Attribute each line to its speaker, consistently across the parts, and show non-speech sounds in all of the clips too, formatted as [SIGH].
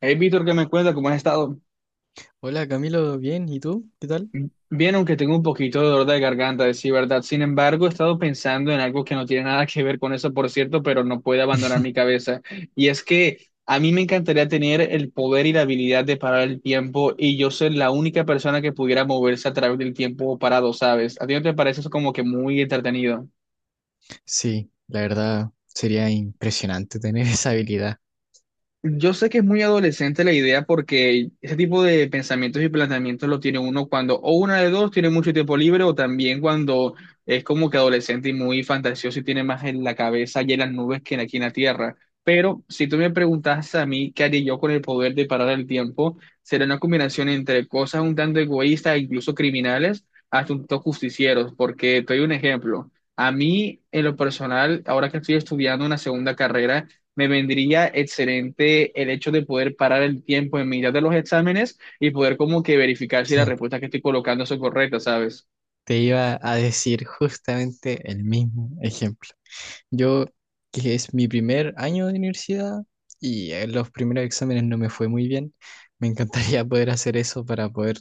Speaker 1: Hey, Víctor, ¿qué me cuenta? ¿Cómo has estado?
Speaker 2: Hola Camilo, bien, ¿y tú? ¿Qué tal?
Speaker 1: Bien, aunque tengo un poquito de dolor de garganta, decir verdad. Sin embargo, he estado pensando en algo que no tiene nada que ver con eso, por cierto, pero no puede abandonar mi cabeza. Y es que a mí me encantaría tener el poder y la habilidad de parar el tiempo y yo ser la única persona que pudiera moverse a través del tiempo parado, ¿sabes? ¿A ti no te parece eso como que muy entretenido?
Speaker 2: Sí, la verdad sería impresionante tener [LAUGHS] esa habilidad.
Speaker 1: Yo sé que es muy adolescente la idea porque ese tipo de pensamientos y planteamientos lo tiene uno cuando o una de dos tiene mucho tiempo libre o también cuando es como que adolescente y muy fantasioso y tiene más en la cabeza y en las nubes que aquí en la tierra. Pero si tú me preguntas a mí qué haría yo con el poder de parar el tiempo, será una combinación entre cosas un tanto egoístas, incluso criminales, hasta un tanto justicieros, porque te doy un ejemplo. A mí, en lo personal, ahora que estoy estudiando una segunda carrera, me vendría excelente el hecho de poder parar el tiempo en mitad de los exámenes y poder como que verificar si las
Speaker 2: Sí.
Speaker 1: respuestas que estoy colocando son correctas, ¿sabes?
Speaker 2: Te iba a decir justamente el mismo ejemplo. Yo, que es mi primer año de universidad y en los primeros exámenes no me fue muy bien, me encantaría [LAUGHS] poder hacer eso para poder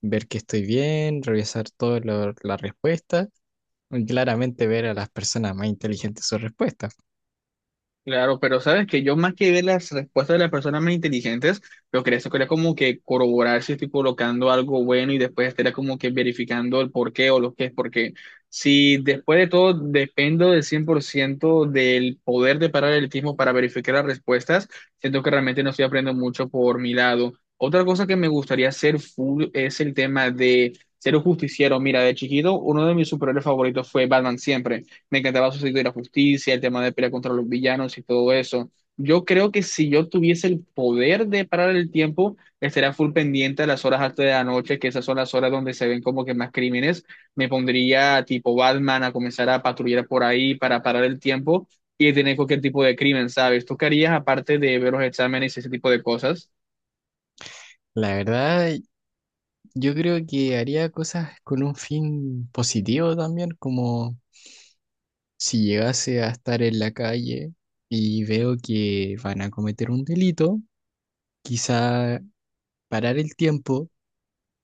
Speaker 2: ver que estoy bien, revisar todas las respuestas y claramente ver a las personas más inteligentes sus respuestas.
Speaker 1: Claro, pero sabes que yo más que ver las respuestas de las personas más inteligentes, lo que eso quería como que corroborar si estoy colocando algo bueno y después estaría como que verificando el por qué o lo que es, porque si después de todo dependo del 100% del poder de parar el tiempo para verificar las respuestas, siento que realmente no estoy aprendiendo mucho por mi lado. Otra cosa que me gustaría hacer full es el tema de ser un justiciero. Mira, de chiquito, uno de mis superhéroes favoritos fue Batman, siempre me encantaba su sentido de la justicia, el tema de pelear contra los villanos y todo eso. Yo creo que si yo tuviese el poder de parar el tiempo, estaría full pendiente a las horas altas de la noche, que esas son las horas donde se ven como que más crímenes. Me pondría tipo Batman a comenzar a patrullar por ahí para parar el tiempo y detener cualquier tipo de crimen, ¿sabes? ¿Tú qué harías aparte de ver los exámenes y ese tipo de cosas?
Speaker 2: La verdad, yo creo que haría cosas con un fin positivo también, como si llegase a estar en la calle y veo que van a cometer un delito, quizá parar el tiempo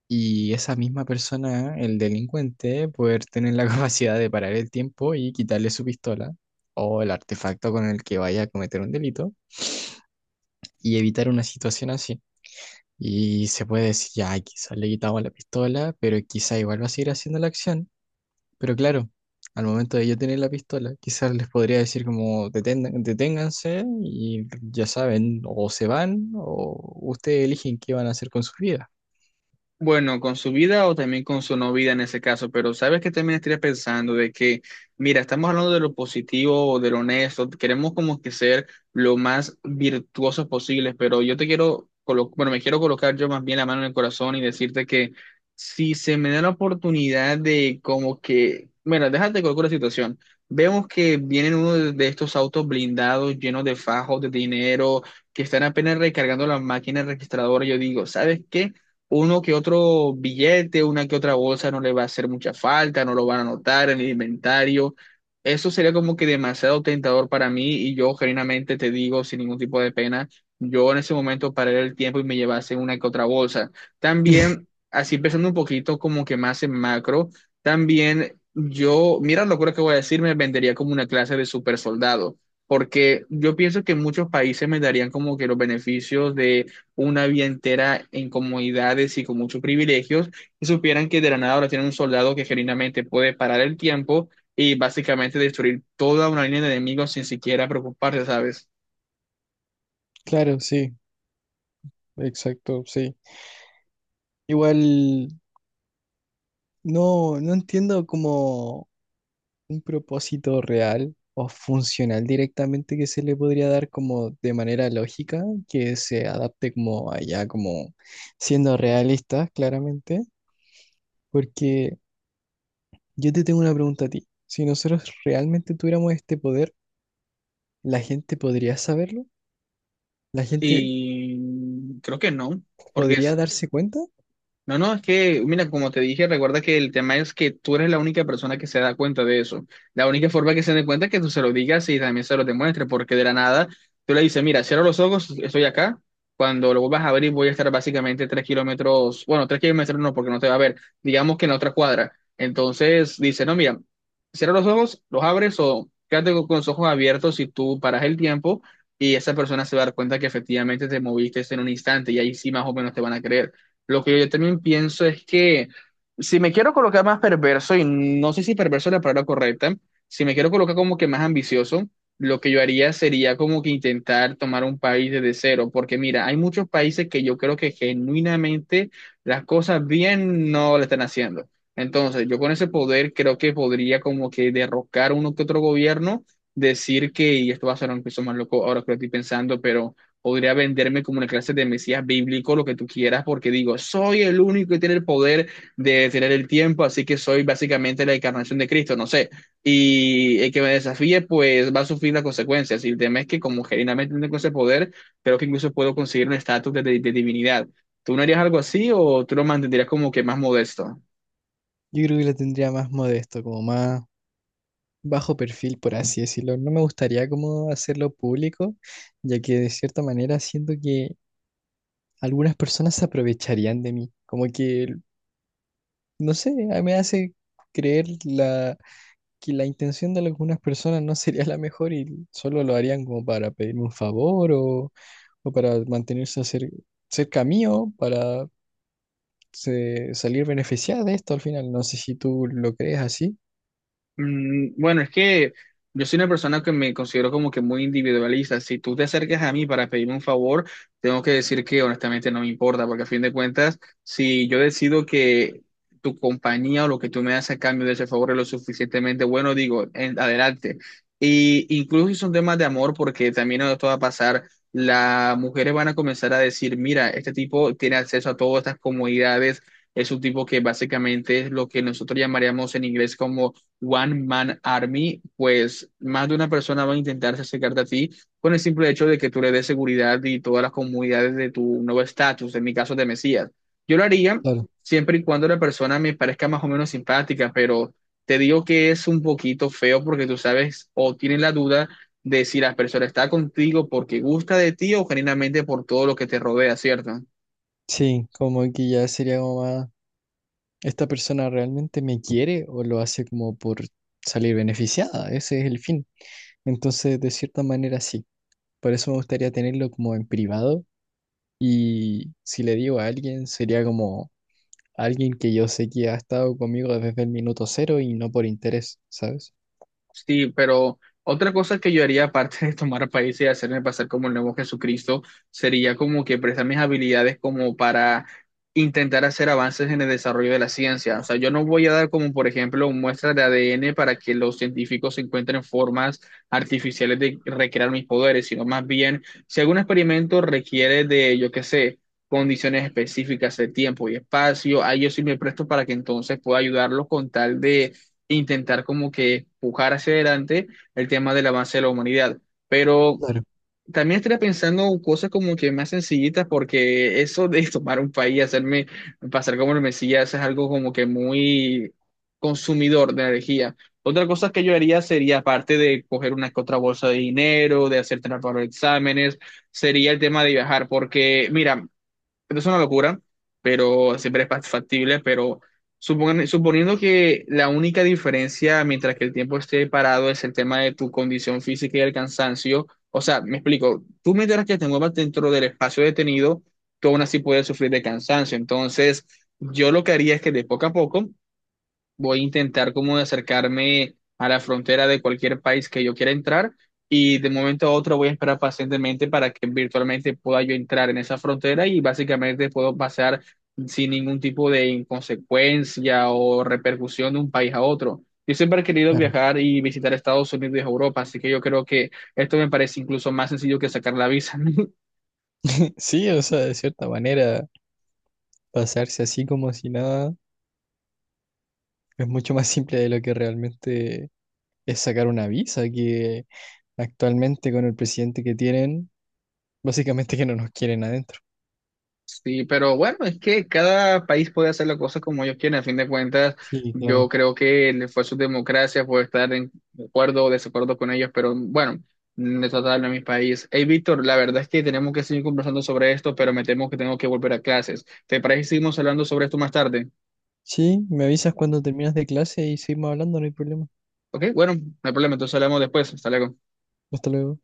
Speaker 2: y esa misma persona, el delincuente, poder tener la [LAUGHS] capacidad de parar el tiempo y quitarle su pistola o el artefacto con el que vaya a cometer un delito y evitar una situación así. Y se puede decir, ya, quizás le quitamos la pistola, pero quizá igual va a seguir haciendo la acción. Pero claro, al momento de yo tener la pistola, quizás les podría decir como deténganse y ya saben, o se van o ustedes eligen qué van a hacer con sus vidas".
Speaker 1: Bueno, con su vida o también con su no vida en ese caso, pero sabes que también estaría pensando de que, mira, estamos hablando de lo positivo o de lo honesto, queremos como que ser lo más virtuosos posibles, pero yo te quiero, bueno, me quiero colocar yo más bien la mano en el corazón y decirte que si se me da la oportunidad de como que, bueno, déjate colocar la situación, vemos que vienen uno de estos autos blindados llenos de fajos, de dinero, que están apenas recargando las máquinas registradoras, yo digo, ¿sabes qué? Uno que otro billete, una que otra bolsa no le va a hacer mucha falta, no lo van a notar en el inventario. Eso sería como que demasiado tentador para mí y yo genuinamente te digo sin ningún tipo de pena, yo en ese momento paré el tiempo y me llevase una que otra bolsa. También, así pensando un poquito como que más en macro, también yo, mira lo que voy a decir, me vendería como una clase de super soldado. Porque yo pienso que muchos países me darían como que los beneficios de una vida entera en comodidades y con muchos privilegios, y supieran que de la nada ahora tienen un soldado que genuinamente puede parar el tiempo y básicamente destruir toda una línea de enemigos sin siquiera preocuparse, ¿sabes?
Speaker 2: Claro, sí, exacto, sí. Igual no entiendo como un propósito real o funcional directamente que se le podría dar como de manera lógica, que se adapte como allá, como siendo realistas, claramente, porque yo te tengo una pregunta a ti. Si nosotros realmente tuviéramos este poder, ¿la gente podría saberlo? ¿La gente
Speaker 1: Y creo que no, porque
Speaker 2: podría darse cuenta?
Speaker 1: no, no, es que, mira, como te dije, recuerda que el tema es que tú eres la única persona que se da cuenta de eso. La única forma que se dé cuenta es que tú se lo digas y también se lo demuestres, porque de la nada tú le dices, mira, cierro los ojos, estoy acá. Cuando lo vuelvas a abrir, voy a estar básicamente tres kilómetros, bueno, tres kilómetros no, porque no te va a ver, digamos que en la otra cuadra. Entonces dice, no, mira, cierra los ojos, los abres o quédate con los ojos abiertos y tú paras el tiempo y esa persona se va a dar cuenta que efectivamente te moviste en un instante y ahí sí más o menos te van a creer. Lo que yo también pienso es que si me quiero colocar más perverso, y no sé si perverso es la palabra correcta, si me quiero colocar como que más ambicioso, lo que yo haría sería como que intentar tomar un país desde cero, porque mira, hay muchos países que yo creo que genuinamente las cosas bien no le están haciendo. Entonces, yo con ese poder creo que podría como que derrocar uno que otro gobierno, decir que, y esto va a ser un piso más loco ahora que lo estoy pensando, pero podría venderme como una clase de mesías bíblico, lo que tú quieras, porque digo, soy el único que tiene el poder de detener el tiempo, así que soy básicamente la encarnación de Cristo, no sé. Y el que me desafíe, pues va a sufrir las consecuencias. Y el tema es que como genuinamente tengo ese poder, creo que incluso puedo conseguir un estatus de, de divinidad. ¿Tú no harías algo así o tú lo mantendrías como que más modesto?
Speaker 2: Yo creo que lo tendría más modesto, como más bajo perfil, por así decirlo. No me gustaría como hacerlo público, ya que de cierta manera siento que algunas personas se aprovecharían de mí. Como que, no sé, me hace creer la, que la intención de algunas personas no sería la mejor y solo lo harían como para pedirme un favor o para mantenerse cerca mío, para salir beneficiada de esto al final. No sé si tú lo crees así.
Speaker 1: Mm, bueno, es que yo soy una persona que me considero como que muy individualista. Si tú te acercas a mí para pedirme un favor, tengo que decir que honestamente no me importa, porque a fin de cuentas, si yo decido que tu compañía o lo que tú me das a cambio de ese favor es lo suficientemente bueno, digo, adelante. Y incluso si son temas de amor, porque también esto va a pasar, las mujeres van a comenzar a decir, mira, este tipo tiene acceso a todas estas comodidades, es un tipo que básicamente es lo que nosotros llamaríamos en inglés como One Man Army, pues más de una persona va a intentarse acercarte a ti con el simple hecho de que tú le des seguridad y todas las comunidades de tu nuevo estatus, en mi caso de Mesías. Yo lo haría
Speaker 2: Claro.
Speaker 1: siempre y cuando la persona me parezca más o menos simpática, pero te digo que es un poquito feo porque tú sabes o tienes la duda de si la persona está contigo porque gusta de ti o genuinamente por todo lo que te rodea, ¿cierto?
Speaker 2: Sí, como que ya sería como más, ¿esta persona realmente me quiere o lo hace como por salir beneficiada? Ese es el fin. Entonces, de cierta manera, sí. Por eso me gustaría tenerlo como en privado y si le digo a alguien, sería como alguien que yo sé que ha estado conmigo desde el minuto cero y no por interés, ¿sabes?
Speaker 1: Sí, pero otra cosa que yo haría aparte de tomar países y hacerme pasar como el nuevo Jesucristo sería como que prestar mis habilidades como para intentar hacer avances en el desarrollo de la ciencia. O sea, yo no voy a dar como, por ejemplo, muestras de ADN para que los científicos encuentren formas artificiales de recrear mis poderes, sino más bien, si algún experimento requiere de, yo qué sé, condiciones específicas de tiempo y espacio, ahí yo sí me presto para que entonces pueda ayudarlos con tal de intentar como que pujar hacia adelante el tema del avance de la humanidad. Pero
Speaker 2: Claro,
Speaker 1: también estaría pensando en cosas como que más sencillitas, porque eso de [LAUGHS] tomar un país y hacerme pasar como el Mesías es algo como que muy consumidor de energía. Otra cosa que yo haría sería, aparte de coger una que otra bolsa de dinero, de hacer trampa para los exámenes, sería el tema de viajar, porque mira, esto es una locura, pero siempre es factible, pero suponiendo que la única diferencia mientras que el tiempo esté parado es el tema de tu condición física y el cansancio, o sea, me explico, tú mientras que te muevas dentro del espacio detenido, tú aún así puedes sufrir de cansancio, entonces yo lo que haría es que de poco a poco voy a intentar como acercarme a la frontera de cualquier país que yo quiera entrar y de momento a otro voy a esperar pacientemente para que virtualmente pueda yo entrar en esa frontera y básicamente puedo pasar sin ningún tipo de inconsecuencia o repercusión de un país a otro. Yo siempre he querido
Speaker 2: claro.
Speaker 1: viajar y visitar Estados Unidos y Europa, así que yo creo que esto me parece incluso más sencillo que sacar la visa. [LAUGHS]
Speaker 2: Sí, o sea, de cierta manera, pasarse así como si nada es mucho más simple de lo que realmente es sacar una visa, que actualmente con el presidente que tienen, básicamente que no nos quieren adentro.
Speaker 1: Sí, pero bueno, es que cada país puede hacer las cosas como ellos quieren. A fin de cuentas,
Speaker 2: Sí,
Speaker 1: yo
Speaker 2: claro.
Speaker 1: creo que le fue su democracia, puede estar en acuerdo o desacuerdo con ellos, pero bueno, me trata de hablar de mi país. Hey, Víctor, la verdad es que tenemos que seguir conversando sobre esto, pero me temo que tengo que volver a clases. ¿Te parece que seguimos hablando sobre esto más tarde?
Speaker 2: Sí, me avisas cuando terminas de clase y seguimos hablando, no hay problema.
Speaker 1: Ok, bueno, no hay problema, entonces hablamos después. Hasta luego.
Speaker 2: Hasta luego.